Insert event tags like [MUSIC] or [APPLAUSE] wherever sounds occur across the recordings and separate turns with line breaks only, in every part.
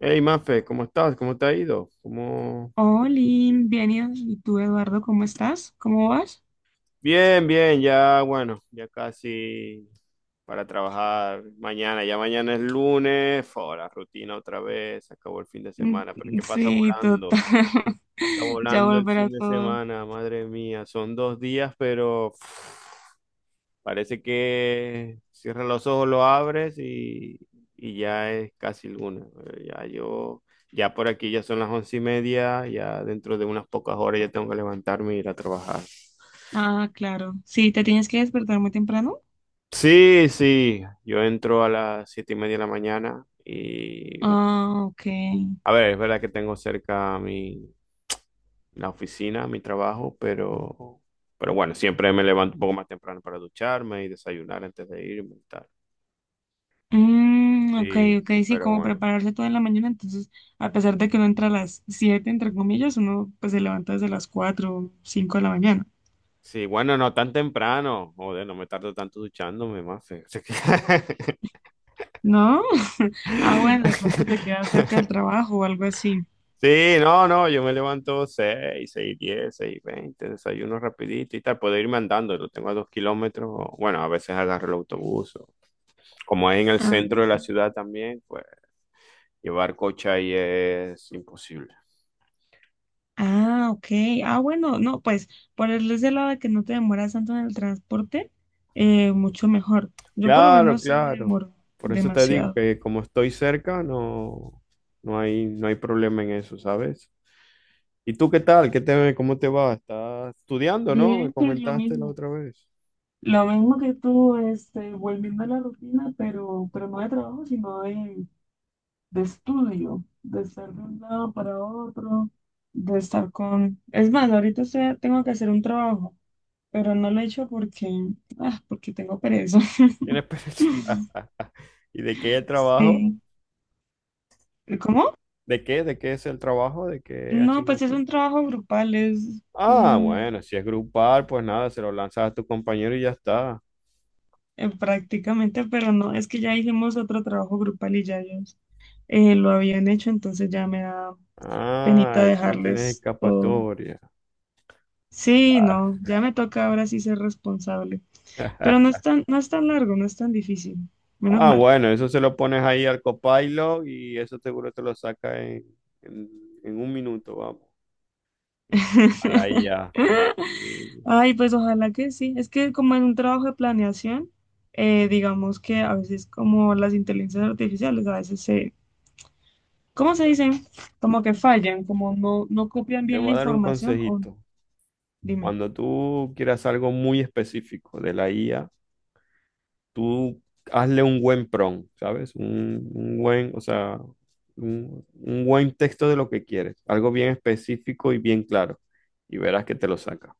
Hey, Mafe, ¿cómo estás? ¿Cómo te ha ido? ¿Cómo...
Hola, bien, ¿y tú, Eduardo, cómo estás? ¿Cómo vas?
Bien, bien, ya, bueno, ya casi para trabajar mañana. Ya mañana es lunes, fo, la rutina otra vez, se acabó el fin de semana, pero es que
Sí, total. [LAUGHS]
pasa
Ya
volando el
volverá
fin de
todo.
semana, madre mía, son dos días, pero parece que cierras los ojos, lo abres y ya es casi luna. Eh, Ya yo, ya por aquí ya son las once y media, ya dentro de unas pocas horas ya tengo que levantarme e ir a trabajar.
Ah, claro. Sí, ¿te tienes que despertar muy temprano?
Sí, sí, yo entro a las siete y media de la mañana y bueno,
Ah, ok.
a ver, es verdad que tengo cerca la oficina, mi trabajo, pero bueno, siempre me levanto un poco más temprano para ducharme y desayunar antes de irme y tal.
Mm, ok,
Sí,
ok,
sí,
sí,
pero
como
bueno.
prepararse toda la mañana. Entonces, a pesar de que uno entra a las 7 entre comillas, uno pues se levanta desde las 4 o 5 de la mañana,
Sí, bueno, no tan temprano. Joder, no me tardo tanto duchándome, mafe. [LAUGHS] O sea que-
¿no? [LAUGHS] Ah, bueno, de pronto te queda cerca del
[LAUGHS]
trabajo o algo así.
Sí, no, no, yo me levanto seis, seis diez, seis veinte, desayuno rapidito y tal. Puedo irme andando, lo tengo a dos kilómetros. Bueno, a veces agarro el autobús. O- Como es en el
Ah,
centro de la ciudad también, pues llevar coche ahí es imposible.
Ah, ok. Ah, bueno, no, pues por el ese lado de que no te demoras tanto en el transporte, mucho mejor. Yo por lo
Claro,
menos sí me
claro.
demoro
Por eso te digo
demasiado.
que como estoy cerca, no, no hay problema en eso, ¿sabes? ¿Y tú qué tal? ¿Cómo te va? ¿Estás estudiando, no?
Bien,
Me
pues lo
comentaste la
mismo.
otra vez.
Lo mismo que tú, este, volviendo a la rutina, pero no de trabajo, sino de estudio, de estar de un lado para otro, de estar con... Es más, tengo que hacer un trabajo, pero no lo he hecho porque tengo pereza.
¿Tienes pereza?
[LAUGHS]
[LAUGHS] ¿Y de qué el trabajo?
Sí. ¿Cómo?
¿De qué? ¿De qué es el trabajo? ¿De qué
No, pues es
asignatura?
un trabajo grupal, es
Ah, bueno, si es grupal, pues nada, se lo lanzas a tu compañero y ya está.
prácticamente, pero no, es que ya hicimos otro trabajo grupal y ya ellos lo habían hecho, entonces ya me da penita
Ah, ya no tienes
dejarles todo.
escapatoria.
Sí, no, ya me toca ahora sí ser responsable, pero
[LAUGHS]
no es tan largo, no es tan difícil, menos
Ah,
mal.
bueno, eso se lo pones ahí al Copilot y eso seguro te lo saca en- en un minuto, vamos, a la
[LAUGHS]
IA. Y
Ay, pues ojalá que sí. Es que como en un trabajo de planeación, digamos que a veces como las inteligencias artificiales, ¿cómo se dicen? Como que fallan, como no copian
te
bien la
voy a dar un
información o
consejito.
dime.
Cuando tú quieras algo muy específico de la IA, tú hazle un buen prompt, ¿sabes? O sea, un buen texto de lo que quieres, algo bien específico y bien claro, y verás que te lo saca.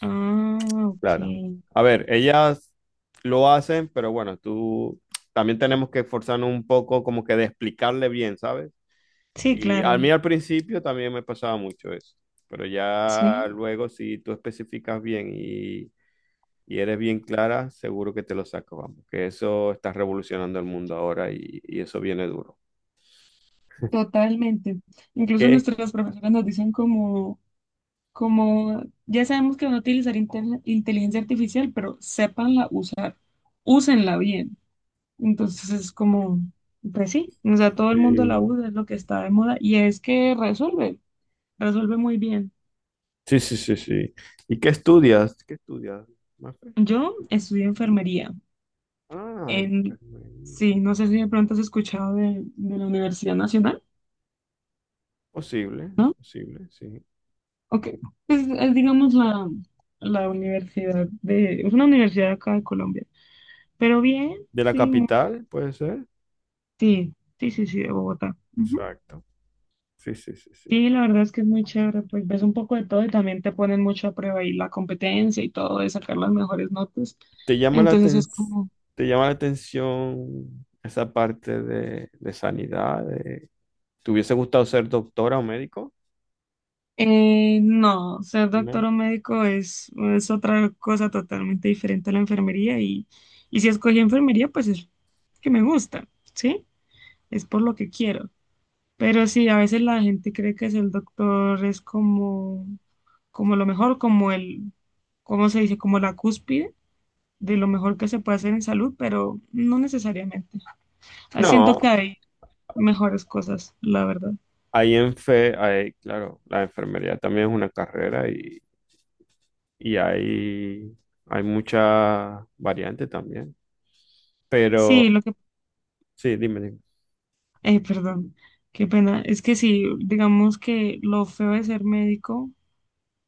Ah, ok.
Claro. A ver, ellas lo hacen, pero bueno, tú también tenemos que esforzarnos un poco como que de explicarle bien, ¿sabes?
Sí,
Y a
claro.
mí al principio también me pasaba mucho eso, pero ya
Sí,
luego si tú especificas bien y eres bien clara, seguro que te lo sacas, vamos, que eso está revolucionando el mundo ahora y eso viene duro.
totalmente. Incluso
¿Qué?
nuestras profesoras nos dicen ya sabemos que van a utilizar inteligencia artificial, pero sépanla usar, úsenla bien. Entonces es como, pues sí, o sea, todo el mundo la
Sí,
usa, es lo que está de moda y es que resuelve muy bien.
sí, sí, sí, sí. ¿Y qué estudias? ¿Qué estudias, Mafe?
Yo estudié enfermería.
Ah,
En,
enfermería.
sí, no sé si de pronto has escuchado de la Universidad Nacional,
Posible,
¿no?
posible, sí.
Ok, pues es, digamos la universidad de, es una universidad acá de Colombia, pero bien,
De la
sí, muy-
capital, puede ser.
sí, sí, sí, sí, de Bogotá. Ujú.
Exacto. Sí, sí, sí, sí.
Sí, la verdad es que es muy chévere, pues ves un poco de todo y también te ponen mucho a prueba y la competencia y todo de sacar las mejores notas.
¿Te llama la
Entonces es
aten-
como,
te llama la atención esa parte de sanidad? De- ¿Te hubiese gustado ser doctora o médico?
No, ser doctor
No.
o médico es otra cosa totalmente diferente a la enfermería y si escogí enfermería, pues es que me gusta, ¿sí? Es por lo que quiero. Pero sí, a veces la gente cree que ser doctor es como, como lo mejor, como el, ¿cómo se dice? Como la cúspide de lo mejor que se puede hacer en salud, pero no necesariamente. Ah, siento que
No.
hay mejores cosas, la verdad.
Hay en fe, hay, claro, la enfermería también es una carrera y hay mucha variante también.
Sí,
Pero,
lo que
sí, dime, dime.
Perdón, qué pena. Es que sí, digamos que lo feo de ser médico,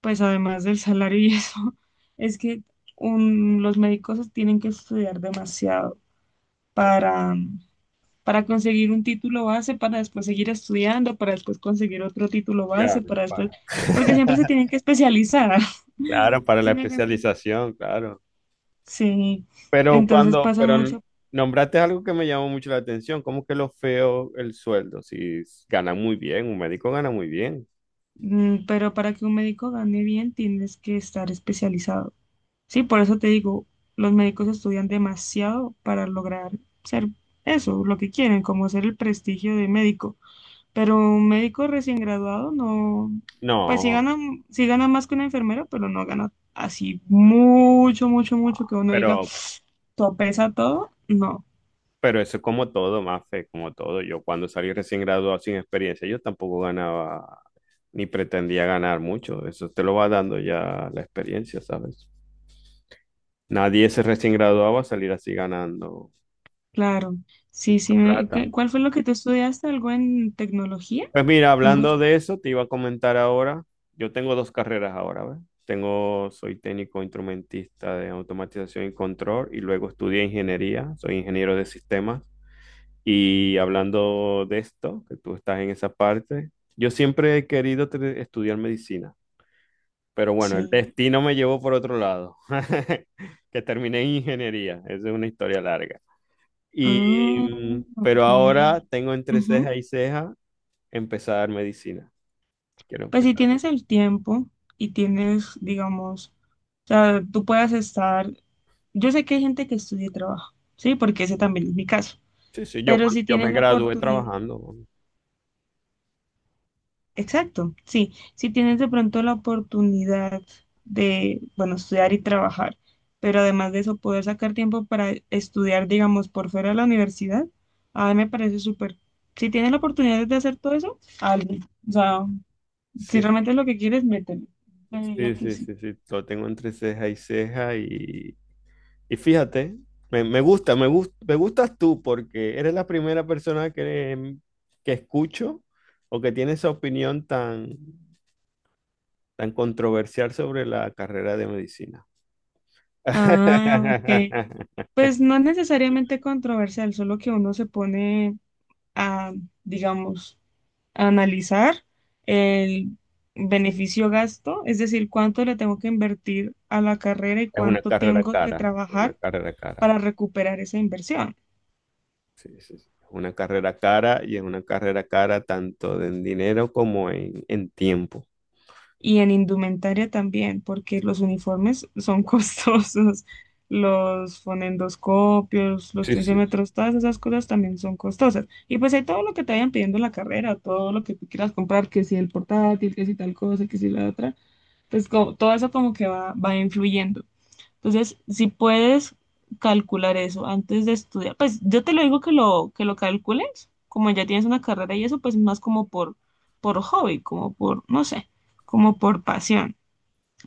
pues además del salario y eso, [LAUGHS] es que los médicos tienen que estudiar demasiado para, para conseguir un título base, para después seguir estudiando, para después conseguir otro título base,
Claro,
para después,
para,
porque siempre se
[LAUGHS]
tienen que especializar. [LAUGHS]
claro, para
¿Sí
la
me hago entender?
especialización, claro.
Sí,
Pero
entonces
cuando,
pasa
pero
mucho,
nombraste algo que me llamó mucho la atención, ¿cómo que lo feo el sueldo? Si s- ganan muy bien, un médico gana muy bien.
mm, pero para que un médico gane bien tienes que estar especializado. Sí, por eso te digo, los médicos estudian demasiado para lograr ser eso, lo que quieren, como ser el prestigio de médico. Pero un médico recién graduado no, pues
No,
sí gana más que una enfermera, pero no gana así mucho, mucho, mucho que uno diga,
pero,
todo pesa todo. No,
pero eso es como todo, Mafe, como todo. Yo cuando salí recién graduado sin experiencia, yo tampoco ganaba ni pretendía ganar mucho. Eso te lo va dando ya la experiencia, ¿sabes? Nadie se recién graduado va a salir así ganando
claro. Sí,
mucha
sí.
plata.
¿Cuál fue lo que tú estudiaste? ¿Algo en tecnología?
Pues mira,
¿Algo así?
hablando de eso, te iba a comentar ahora, yo tengo dos carreras ahora, ¿ves? Tengo, soy técnico instrumentista de automatización y control y luego estudié ingeniería, soy ingeniero de sistemas. Y hablando de esto, que tú estás en esa parte, yo siempre he querido tre- estudiar medicina, pero bueno, el
Sí.
destino me llevó por otro lado, [LAUGHS] que terminé en ingeniería, esa es una historia larga. Y,
Ah, ok.
pero ahora tengo entre ceja y ceja empezar medicina. Quiero
Pues si
empezar.
tienes el tiempo y tienes, digamos, o sea, tú puedas estar, yo sé que hay gente que estudia y trabaja, ¿sí? Porque ese también es mi caso,
Sí, sí, yo,
pero
cuando
si
yo
tienes
me
la
gradué
oportunidad,
trabajando. ¿No?
exacto, sí, si tienes de pronto la oportunidad de, bueno, estudiar y trabajar, pero además de eso poder sacar tiempo para estudiar, digamos, por fuera de la universidad, a mí me parece súper. Si tienes la oportunidad de hacer todo eso, hazlo. O sea, si
Sí, sí,
realmente es lo que quieres, mételo. Yo diría
sí,
que
sí,
sí.
sí, sí, lo tengo entre ceja y ceja y fíjate, me gusta, me gus- me gustas tú porque eres la primera persona que escucho o que tiene esa opinión tan, tan controversial sobre la carrera de medicina.
Ah, ok.
[LAUGHS]
Pues no necesariamente controversial, solo que uno se pone a, digamos, a analizar el beneficio-gasto, es decir, cuánto le tengo que invertir a la carrera y
Es una
cuánto
carrera
tengo que
cara, es una
trabajar
carrera cara.
para recuperar esa inversión.
Sí, sí, sí. Es una carrera cara y es una carrera cara tanto en dinero como en tiempo.
Y en indumentaria también, porque los uniformes son [LAUGHS] costosos, los fonendoscopios, los
Sí, sí.
tensiómetros, todas esas cosas también son costosas. Y pues hay todo lo que te vayan pidiendo en la carrera, todo lo que tú quieras comprar, que si el portátil, que si tal cosa, que si la otra, pues todo eso como que va influyendo. Entonces, si puedes calcular eso antes de estudiar, pues yo te lo digo que lo calcules, como ya tienes una carrera y eso, pues más como por hobby, como por, no sé, como por pasión.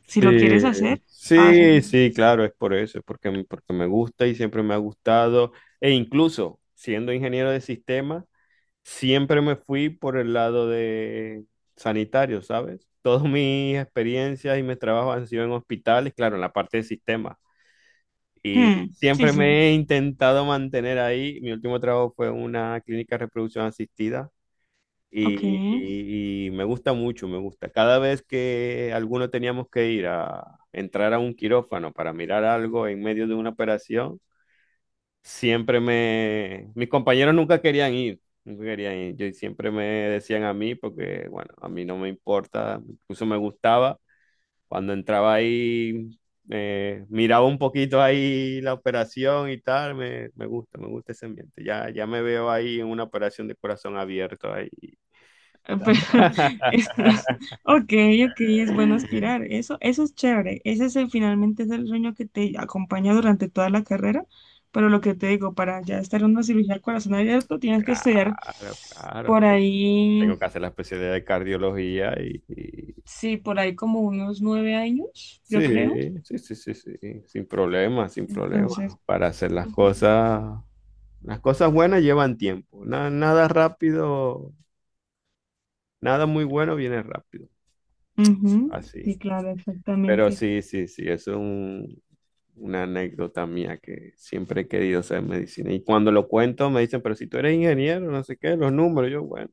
Si lo quieres
Sí,
hacer,
sí,
hazlo.
sí, claro, es por eso, es porque, m- porque me gusta y siempre me ha gustado. E incluso siendo ingeniero de sistemas, siempre me fui por el lado de sanitario, ¿sabes? [LAUGHS] Todas mis experiencias y mis trabajos han sido en hospitales, claro, en la parte de sistemas. Y
Hmm, sí,
siempre
sí.
me he intentado mantener ahí. Mi último trabajo fue en una clínica de reproducción asistida.
Ok.
Y- me gusta mucho, me gusta. Cada vez que alguno teníamos que ir a entrar a un quirófano para mirar algo en medio de una operación, siempre me... Mis compañeros nunca querían ir, nunca querían ir. Yo siempre me decían a mí porque, bueno, a mí no me importa, incluso me gustaba. Cuando entraba ahí, miraba un poquito ahí la operación y tal, me gusta ese ambiente. Ya, ya me veo ahí en una operación de corazón abierto ahí.
Pero [LAUGHS] es- ok, ok, es bueno aspirar. Eso es chévere. Ese es el, finalmente es el sueño que te acompaña durante toda la carrera. Pero lo que te digo, para ya estar en una cirugía al corazón abierto, tienes que estudiar
Claro, claro.
por
Te-
ahí,
Tengo que hacer la especialidad de cardiología y-
sí, por ahí como unos 9 años, yo creo.
Sí, sí, sí, sí, sí. Sin problema, sin
Entonces,
problema. Para hacer
ujú,
las cosas buenas llevan tiempo. Na- nada rápido, nada muy bueno viene rápido.
ujú,
Así.
sí, claro,
Pero
exactamente.
sí, sí, sí, eso es un- una anécdota mía que siempre he querido ser medicina. Y cuando lo cuento me dicen, pero si tú eres ingeniero, no sé qué, los números. Yo, bueno,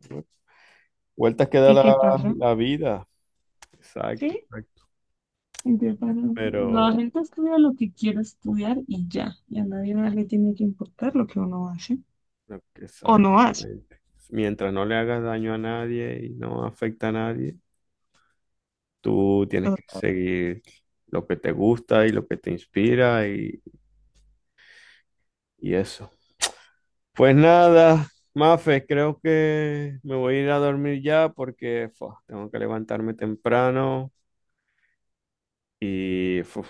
vueltas que da
¿Y qué pasa?
la vida. Exacto.
Sí, y de paro, la
Pero,
gente estudia lo que quiere estudiar y ya. Y a nadie más le tiene que importar lo que uno hace
no,
o no hace.
exactamente. Mientras no le hagas daño a nadie y no afecta a nadie, tú
O
tienes que
sea,
seguir lo que te gusta y lo que te inspira y eso. Pues nada, Mafe, creo que me voy a ir a dormir ya porque fua, tengo que levantarme temprano y fuf,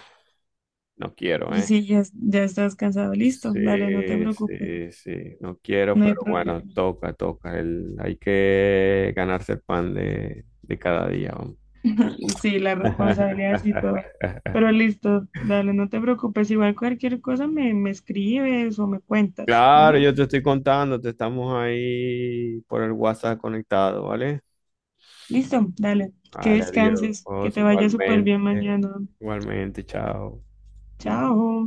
no quiero,
y
¿eh?
si ya, ya estás cansado, listo,
Sí,
dale, no te preocupes,
sí, sí, no quiero,
no hay
pero bueno,
problema.
toca, toca. Hay que ganarse el pan de cada día, vamos.
Sí, la responsabilidad y todo.
[LAUGHS]
Pero listo, dale, no te preocupes. Igual cualquier cosa me, me escribes o me cuentas,
Claro,
¿vale?
yo te estoy contando, te estamos ahí por el WhatsApp conectado, ¿vale?
Listo, dale, que
Vale,
descanses, que
adiós,
te vaya súper
igualmente,
bien mañana.
igualmente, chao.
Chao.